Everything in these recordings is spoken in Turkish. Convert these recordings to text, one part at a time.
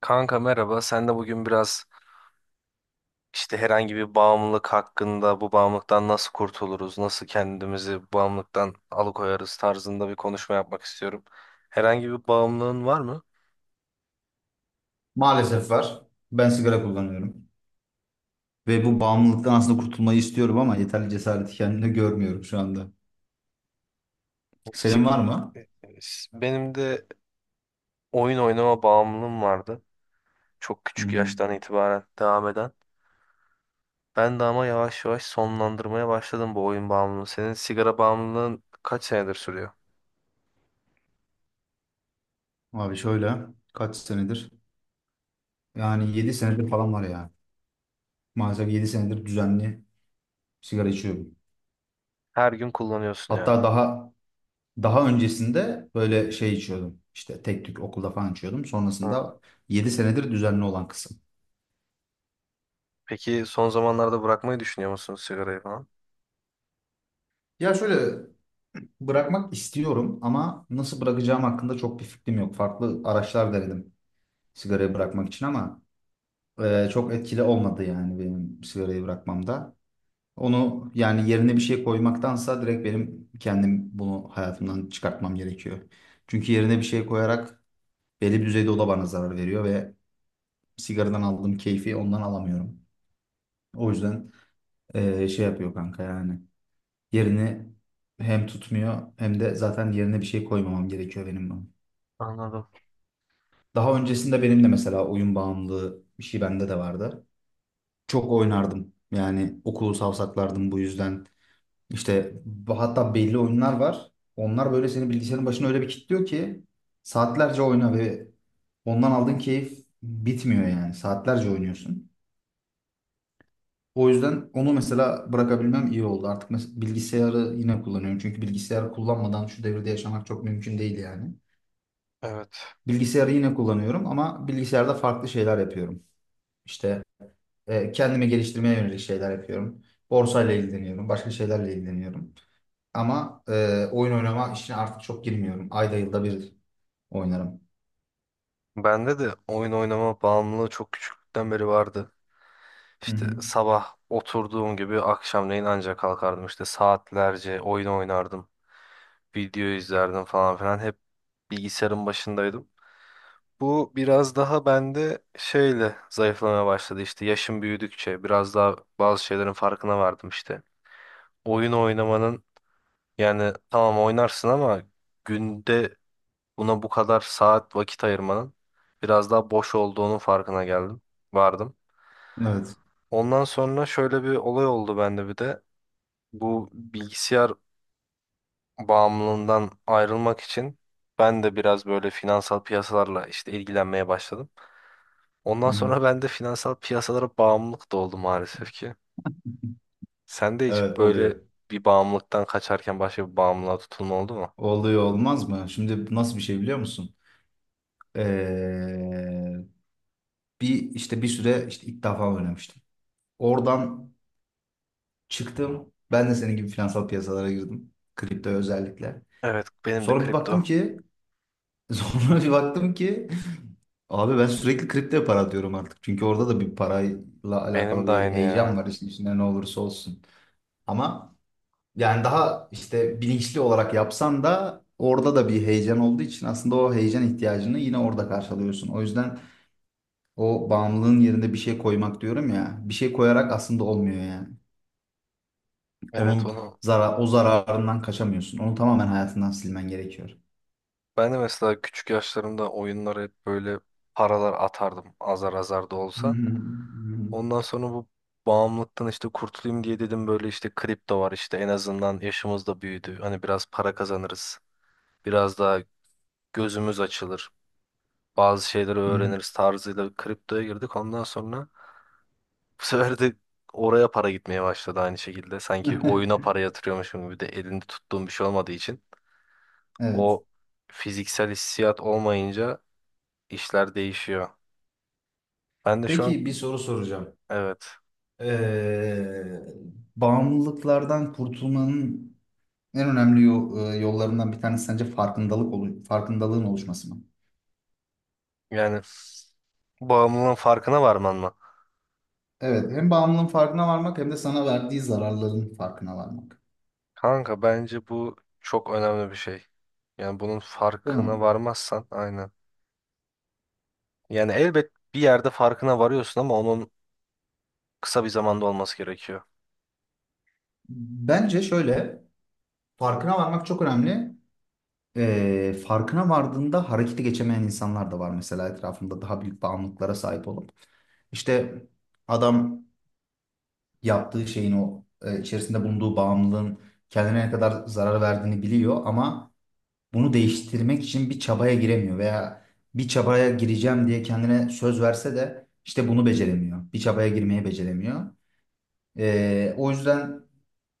Kanka merhaba. Sen de bugün biraz herhangi bir bağımlılık hakkında bu bağımlılıktan nasıl kurtuluruz, nasıl kendimizi bağımlılıktan alıkoyarız tarzında bir konuşma yapmak istiyorum. Herhangi bir bağımlılığın var mı? Maalesef var. Ben sigara kullanıyorum. Ve bu bağımlılıktan aslında kurtulmayı istiyorum ama yeterli cesareti kendimde görmüyorum şu anda. Senin Sik- var mı? Benim de oyun oynama bağımlılığım vardı. Çok Hı küçük hı. yaştan itibaren devam eden. Ben de ama yavaş yavaş sonlandırmaya başladım bu oyun bağımlılığını. Senin sigara bağımlılığın kaç senedir sürüyor? Abi şöyle, kaç senedir? Yani 7 senedir falan var ya. Maalesef 7 senedir düzenli sigara içiyorum. Her gün kullanıyorsun yani. Hatta daha öncesinde böyle şey içiyordum. İşte tek tük okulda falan içiyordum. Ha. Sonrasında 7 senedir düzenli olan kısım. Peki son zamanlarda bırakmayı düşünüyor musun sigarayı falan? Ya şöyle, bırakmak istiyorum ama nasıl bırakacağım hakkında çok bir fikrim yok. Farklı araçlar denedim, sigarayı bırakmak için ama çok etkili olmadı yani benim sigarayı bırakmamda. Onu yani yerine bir şey koymaktansa direkt benim kendim bunu hayatımdan çıkartmam gerekiyor. Çünkü yerine bir şey koyarak belli bir düzeyde o da bana zarar veriyor ve sigaradan aldığım keyfi ondan alamıyorum. O yüzden şey yapıyor kanka, yani yerini hem tutmuyor hem de zaten yerine bir şey koymamam gerekiyor benim bunun. Anladım. Daha öncesinde benim de mesela oyun bağımlılığı bir şey bende de vardı. Çok oynardım. Yani okulu savsaklardım bu yüzden. İşte hatta belli oyunlar var. Onlar böyle seni bilgisayarın başına öyle bir kilitliyor ki saatlerce oyna ve ondan aldığın keyif bitmiyor yani. Saatlerce oynuyorsun. O yüzden onu mesela bırakabilmem iyi oldu. Artık bilgisayarı yine kullanıyorum. Çünkü bilgisayarı kullanmadan şu devirde yaşamak çok mümkün değil yani. Evet. Bilgisayarı yine kullanıyorum ama bilgisayarda farklı şeyler yapıyorum. İşte kendimi geliştirmeye yönelik şeyler yapıyorum. Borsayla ilgileniyorum, başka şeylerle ilgileniyorum. Ama oyun oynama işine artık çok girmiyorum. Ayda yılda bir oynarım. Bende de oyun oynama bağımlılığı çok küçüklükten beri vardı. Hı İşte hı. sabah oturduğum gibi akşamleyin ancak kalkardım. İşte saatlerce oyun oynardım. Video izlerdim falan filan. Hep bilgisayarın başındaydım. Bu biraz daha bende şeyle zayıflamaya başladı. İşte yaşım büyüdükçe biraz daha bazı şeylerin farkına vardım işte. Oyun oynamanın, yani tamam oynarsın ama günde buna bu kadar saat vakit ayırmanın biraz daha boş olduğunun farkına geldim. Vardım. Evet. Ondan sonra şöyle bir olay oldu bende bir de. Bu bilgisayar bağımlılığından ayrılmak için ben de biraz böyle finansal piyasalarla işte ilgilenmeye başladım. Hı Ondan hı. sonra ben de finansal piyasalara bağımlılık da oldu maalesef ki. Sen de hiç Evet, böyle oluyor. bir bağımlılıktan kaçarken başka bir bağımlılığa tutulma oldu mu? Oluyor olmaz mı? Şimdi nasıl bir şey biliyor musun? Ee, bir işte bir süre işte ilk defa oynamıştım. Oradan çıktım. Ben de senin gibi finansal piyasalara girdim. Kripto özellikle. Evet, benim de Sonra bir kripto. baktım ki sonra bir baktım ki abi, ben sürekli kripto para diyorum artık. Çünkü orada da bir parayla Benim alakalı de bir aynı heyecan ya. var işin içinde ne olursa olsun. Ama yani daha işte bilinçli olarak yapsan da orada da bir heyecan olduğu için aslında o heyecan ihtiyacını yine orada karşılıyorsun. O yüzden o bağımlılığın yerine bir şey koymak diyorum ya. Bir şey koyarak aslında olmuyor yani. Evet Onun onu. zarar, o zararından kaçamıyorsun. Onu tamamen hayatından silmen gerekiyor. Ben de mesela küçük yaşlarımda oyunlara hep böyle paralar atardım azar azar da olsa. Ondan sonra bu bağımlılıktan işte kurtulayım diye dedim böyle işte kripto var, işte en azından yaşımız da büyüdü. Hani biraz para kazanırız. Biraz daha gözümüz açılır. Bazı şeyleri öğreniriz tarzıyla kriptoya girdik. Ondan sonra bu sefer de oraya para gitmeye başladı aynı şekilde. Sanki oyuna para yatırıyormuşum gibi de elinde tuttuğum bir şey olmadığı için. Evet. O fiziksel hissiyat olmayınca işler değişiyor. Ben de şu an, Peki, bir soru soracağım. evet, Eee, bağımlılıklardan kurtulmanın en önemli yollarından bir tanesi sence farkındalık farkındalığın oluşması mı? yani bağımlılığın farkına varman mı? Evet, hem bağımlılığın farkına varmak hem de sana verdiği zararların farkına varmak. Kanka bence bu çok önemli bir şey. Yani bunun Değil farkına mi? varmazsan aynen. Yani elbet bir yerde farkına varıyorsun ama onun kısa bir zamanda olması gerekiyor. Bence şöyle, farkına varmak çok önemli. Farkına vardığında harekete geçemeyen insanlar da var mesela etrafında daha büyük bağımlılıklara sahip olup. İşte adam, yaptığı şeyin o içerisinde bulunduğu bağımlılığın kendine ne kadar zarar verdiğini biliyor ama bunu değiştirmek için bir çabaya giremiyor veya bir çabaya gireceğim diye kendine söz verse de işte bunu beceremiyor. Bir çabaya girmeyi beceremiyor. O yüzden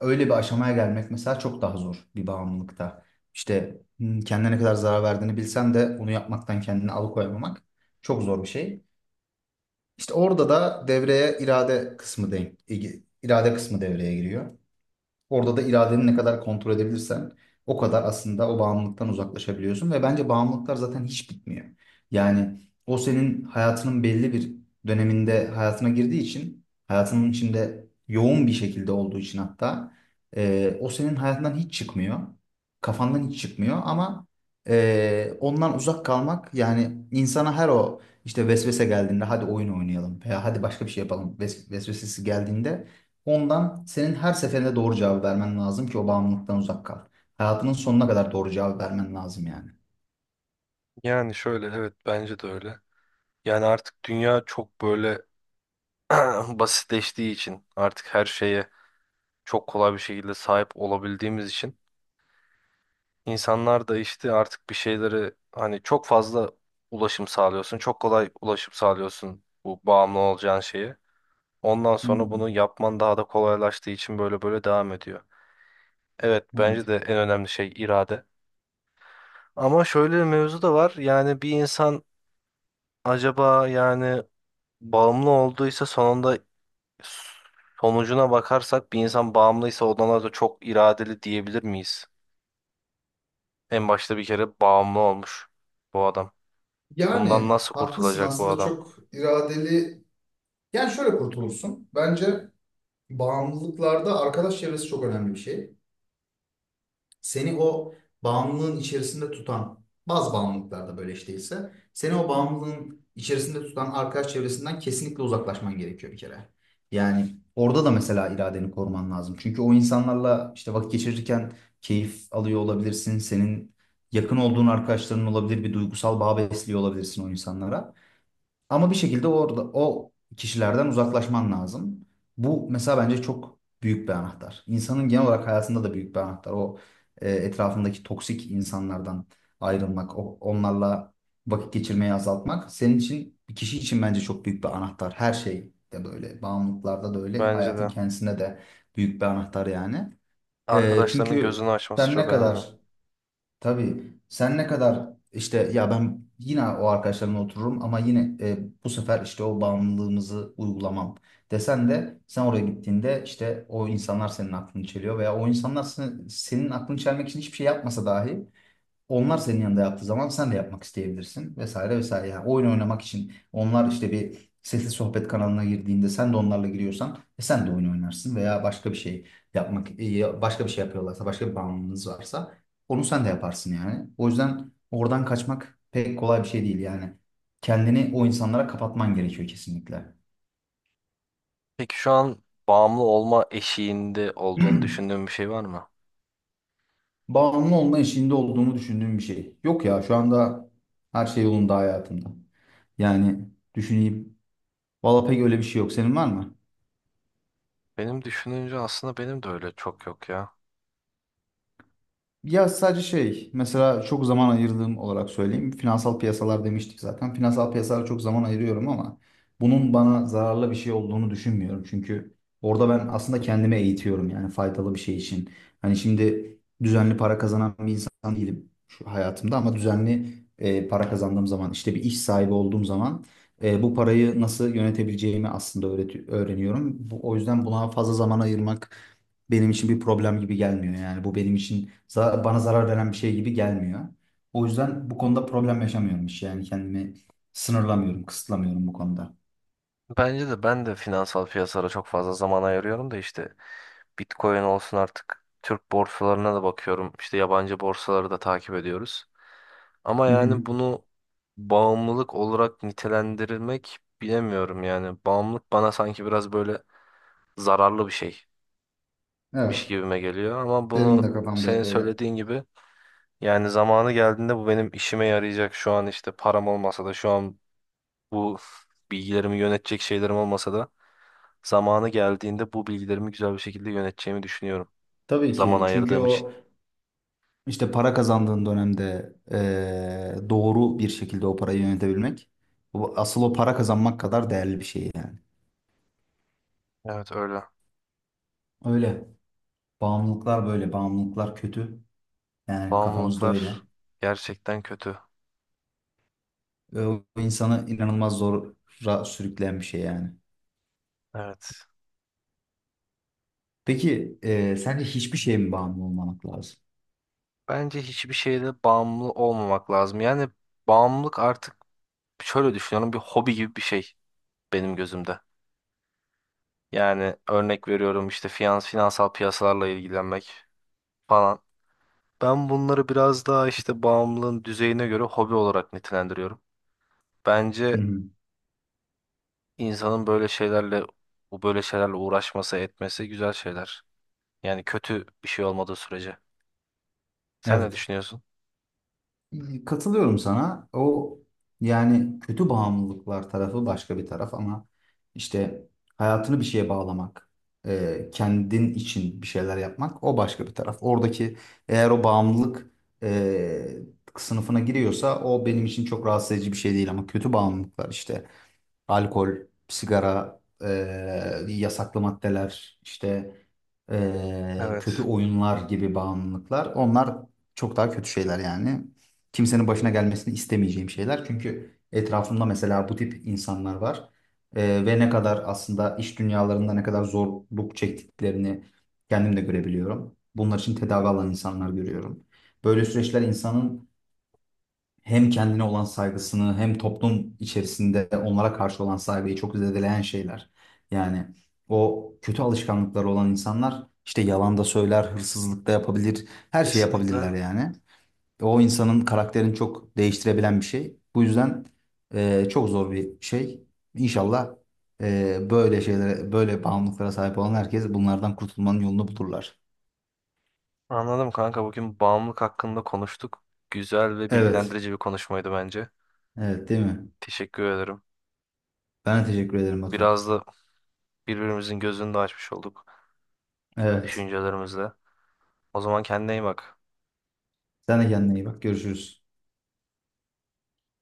öyle bir aşamaya gelmek mesela çok daha zor bir bağımlılıkta. İşte kendine ne kadar zarar verdiğini bilsen de onu yapmaktan kendini alıkoyamamak çok zor bir şey. İşte orada da devreye irade kısmı devreye giriyor. Orada da iradeni ne kadar kontrol edebilirsen o kadar aslında o bağımlılıktan uzaklaşabiliyorsun ve bence bağımlılıklar zaten hiç bitmiyor. Yani o senin hayatının belli bir döneminde hayatına girdiği için hayatının içinde yoğun bir şekilde olduğu için hatta o senin hayatından hiç çıkmıyor. Kafandan hiç çıkmıyor ama ondan uzak kalmak yani insana her o işte vesvese geldiğinde hadi oyun oynayalım veya hadi başka bir şey yapalım vesvesesi geldiğinde ondan senin her seferinde doğru cevabı vermen lazım ki o bağımlılıktan uzak kal. Hayatının sonuna kadar doğru cevabı vermen lazım yani. Yani şöyle, evet, bence de öyle. Yani artık dünya çok böyle basitleştiği için, artık her şeye çok kolay bir şekilde sahip olabildiğimiz için, İnsanlar da işte artık bir şeyleri, hani, çok fazla ulaşım sağlıyorsun. Çok kolay ulaşım sağlıyorsun bu bağımlı olacağın şeye. Ondan Hı sonra hı. bunu yapman daha da kolaylaştığı için böyle böyle devam ediyor. Evet bence Evet. de en önemli şey irade. Ama şöyle bir mevzu da var. Yani bir insan acaba, yani, bağımlı olduysa sonunda, sonucuna bakarsak, bir insan bağımlıysa ondan da çok iradeli diyebilir miyiz? En başta bir kere bağımlı olmuş bu adam. Bundan Yani nasıl haklısın, kurtulacak bu aslında adam? çok iradeli. Yani şöyle kurtulursun. Bence bağımlılıklarda arkadaş çevresi çok önemli bir şey. Seni o bağımlılığın içerisinde tutan bazı bağımlılıklarda böyle iş değilse seni o bağımlılığın içerisinde tutan arkadaş çevresinden kesinlikle uzaklaşman gerekiyor bir kere. Yani orada da mesela iradeni koruman lazım. Çünkü o insanlarla işte vakit geçirirken keyif alıyor olabilirsin. Senin yakın olduğun arkadaşların olabilir. Bir duygusal bağ besliyor olabilirsin o insanlara. Ama bir şekilde orada o kişilerden uzaklaşman lazım. Bu mesela bence çok büyük bir anahtar. İnsanın genel olarak hayatında da büyük bir anahtar. O etrafındaki toksik insanlardan ayrılmak, onlarla vakit geçirmeyi azaltmak senin için, bir kişi için bence çok büyük bir anahtar. Her şey de böyle, bağımlılıklarda da öyle, Bence hayatın de. kendisine de büyük bir anahtar yani. E, Arkadaşlarının çünkü gözünü açması sen çok ne önemli. kadar Tabii, sen ne kadar işte ya ben yine o arkadaşlarımla otururum ama yine bu sefer işte o bağımlılığımızı uygulamam desen de sen oraya gittiğinde işte o insanlar senin aklını çeliyor veya o insanlar senin aklını çelmek için hiçbir şey yapmasa dahi onlar senin yanında yaptığı zaman sen de yapmak isteyebilirsin, vesaire vesaire. Yani oyun oynamak için onlar işte bir sesli sohbet kanalına girdiğinde sen de onlarla giriyorsan sen de oyun oynarsın veya başka bir şey yapmak başka bir şey yapıyorlarsa başka bir bağımlılığınız varsa onu sen de yaparsın yani. O yüzden oradan kaçmak pek kolay bir şey değil yani. Kendini o insanlara kapatman gerekiyor kesinlikle. Peki şu an bağımlı olma eşiğinde olduğunu düşündüğün bir şey var mı? Bağımlı olma eşiğinde olduğunu düşündüğüm bir şey. Yok ya, şu anda her şey yolunda hayatımda. Yani düşüneyim. Valla pek öyle bir şey yok. Senin var mı? Benim düşününce aslında benim de öyle çok yok ya. Ya, sadece şey, mesela çok zaman ayırdığım olarak söyleyeyim. Finansal piyasalar demiştik zaten. Finansal piyasalara çok zaman ayırıyorum ama bunun bana zararlı bir şey olduğunu düşünmüyorum. Çünkü orada ben aslında kendimi eğitiyorum yani faydalı bir şey için. Hani şimdi düzenli para kazanan bir insan değilim şu hayatımda ama düzenli para kazandığım zaman, işte bir iş sahibi olduğum zaman bu parayı nasıl yönetebileceğimi aslında öğreniyorum. Bu, o yüzden buna fazla zaman ayırmak benim için bir problem gibi gelmiyor. Yani bu benim için bana zarar veren bir şey gibi gelmiyor. O yüzden bu konuda problem yaşamıyorum hiç. Yani kendimi sınırlamıyorum, kısıtlamıyorum bu konuda. Bence de ben de finansal piyasalara çok fazla zaman ayırıyorum da, işte Bitcoin olsun, artık Türk borsalarına da bakıyorum. İşte yabancı borsaları da takip ediyoruz. Ama Hı hı. yani bunu bağımlılık olarak nitelendirilmek bilemiyorum yani. Bağımlılık bana sanki biraz böyle zararlı bir şey. Miş Evet. gibime geliyor ama Benim bunu de kafamda hep senin öyle. söylediğin gibi, yani zamanı geldiğinde bu benim işime yarayacak, şu an işte param olmasa da, şu an bu bilgilerimi yönetecek şeylerim olmasa da, zamanı geldiğinde bu bilgilerimi güzel bir şekilde yöneteceğimi düşünüyorum. Tabii Zaman ki, çünkü ayırdığım için. o işte para kazandığın dönemde doğru bir şekilde o parayı yönetebilmek, asıl o para kazanmak kadar değerli bir şey yani. Evet öyle. Öyle. Bağımlılıklar böyle. Bağımlılıklar kötü. Yani kafamızda öyle. Bağımlılıklar gerçekten kötü. O insanı inanılmaz zora sürükleyen bir şey yani. Evet. Peki sence hiçbir şeye mi bağımlı olmamak lazım? Bence hiçbir şeyde bağımlı olmamak lazım. Yani bağımlılık artık, şöyle düşünüyorum, bir hobi gibi bir şey benim gözümde. Yani örnek veriyorum, işte finans, finansal piyasalarla ilgilenmek falan. Ben bunları biraz daha işte bağımlılığın düzeyine göre hobi olarak nitelendiriyorum. Hı Bence hı. insanın böyle şeylerle, bu böyle şeylerle uğraşması, etmesi güzel şeyler. Yani kötü bir şey olmadığı sürece. Sen ne Evet. düşünüyorsun? Katılıyorum sana. O yani kötü bağımlılıklar tarafı başka bir taraf ama işte hayatını bir şeye bağlamak, kendin için bir şeyler yapmak o başka bir taraf. Oradaki eğer o bağımlılık e, sınıfına giriyorsa o benim için çok rahatsız edici bir şey değil ama kötü bağımlılıklar işte alkol, sigara, yasaklı maddeler, işte kötü Evet, oyunlar gibi bağımlılıklar. Onlar çok daha kötü şeyler yani. Kimsenin başına gelmesini istemeyeceğim şeyler. Çünkü etrafımda mesela bu tip insanlar var. Ve ne kadar aslında iş dünyalarında ne kadar zorluk çektiklerini kendim de görebiliyorum. Bunlar için tedavi alan insanlar görüyorum. Böyle süreçler insanın hem kendine olan saygısını hem toplum içerisinde onlara karşı olan saygıyı çok zedeleyen şeyler. Yani o kötü alışkanlıkları olan insanlar işte yalan da söyler, hırsızlık da yapabilir, her şey kesinlikle. yapabilirler yani. O insanın karakterini çok değiştirebilen bir şey. Bu yüzden çok zor bir şey. İnşallah böyle şeylere, böyle bağımlılıklara sahip olan herkes bunlardan kurtulmanın yolunu bulurlar. Anladım kanka. Bugün bağımlılık hakkında konuştuk. Güzel ve Evet, bilgilendirici bir konuşmaydı bence. evet, değil mi? Teşekkür ederim. Ben de teşekkür ederim Batu. Biraz da birbirimizin gözünü de açmış olduk Evet. düşüncelerimizle. O zaman kendine iyi bak. Sen de kendine iyi bak. Görüşürüz.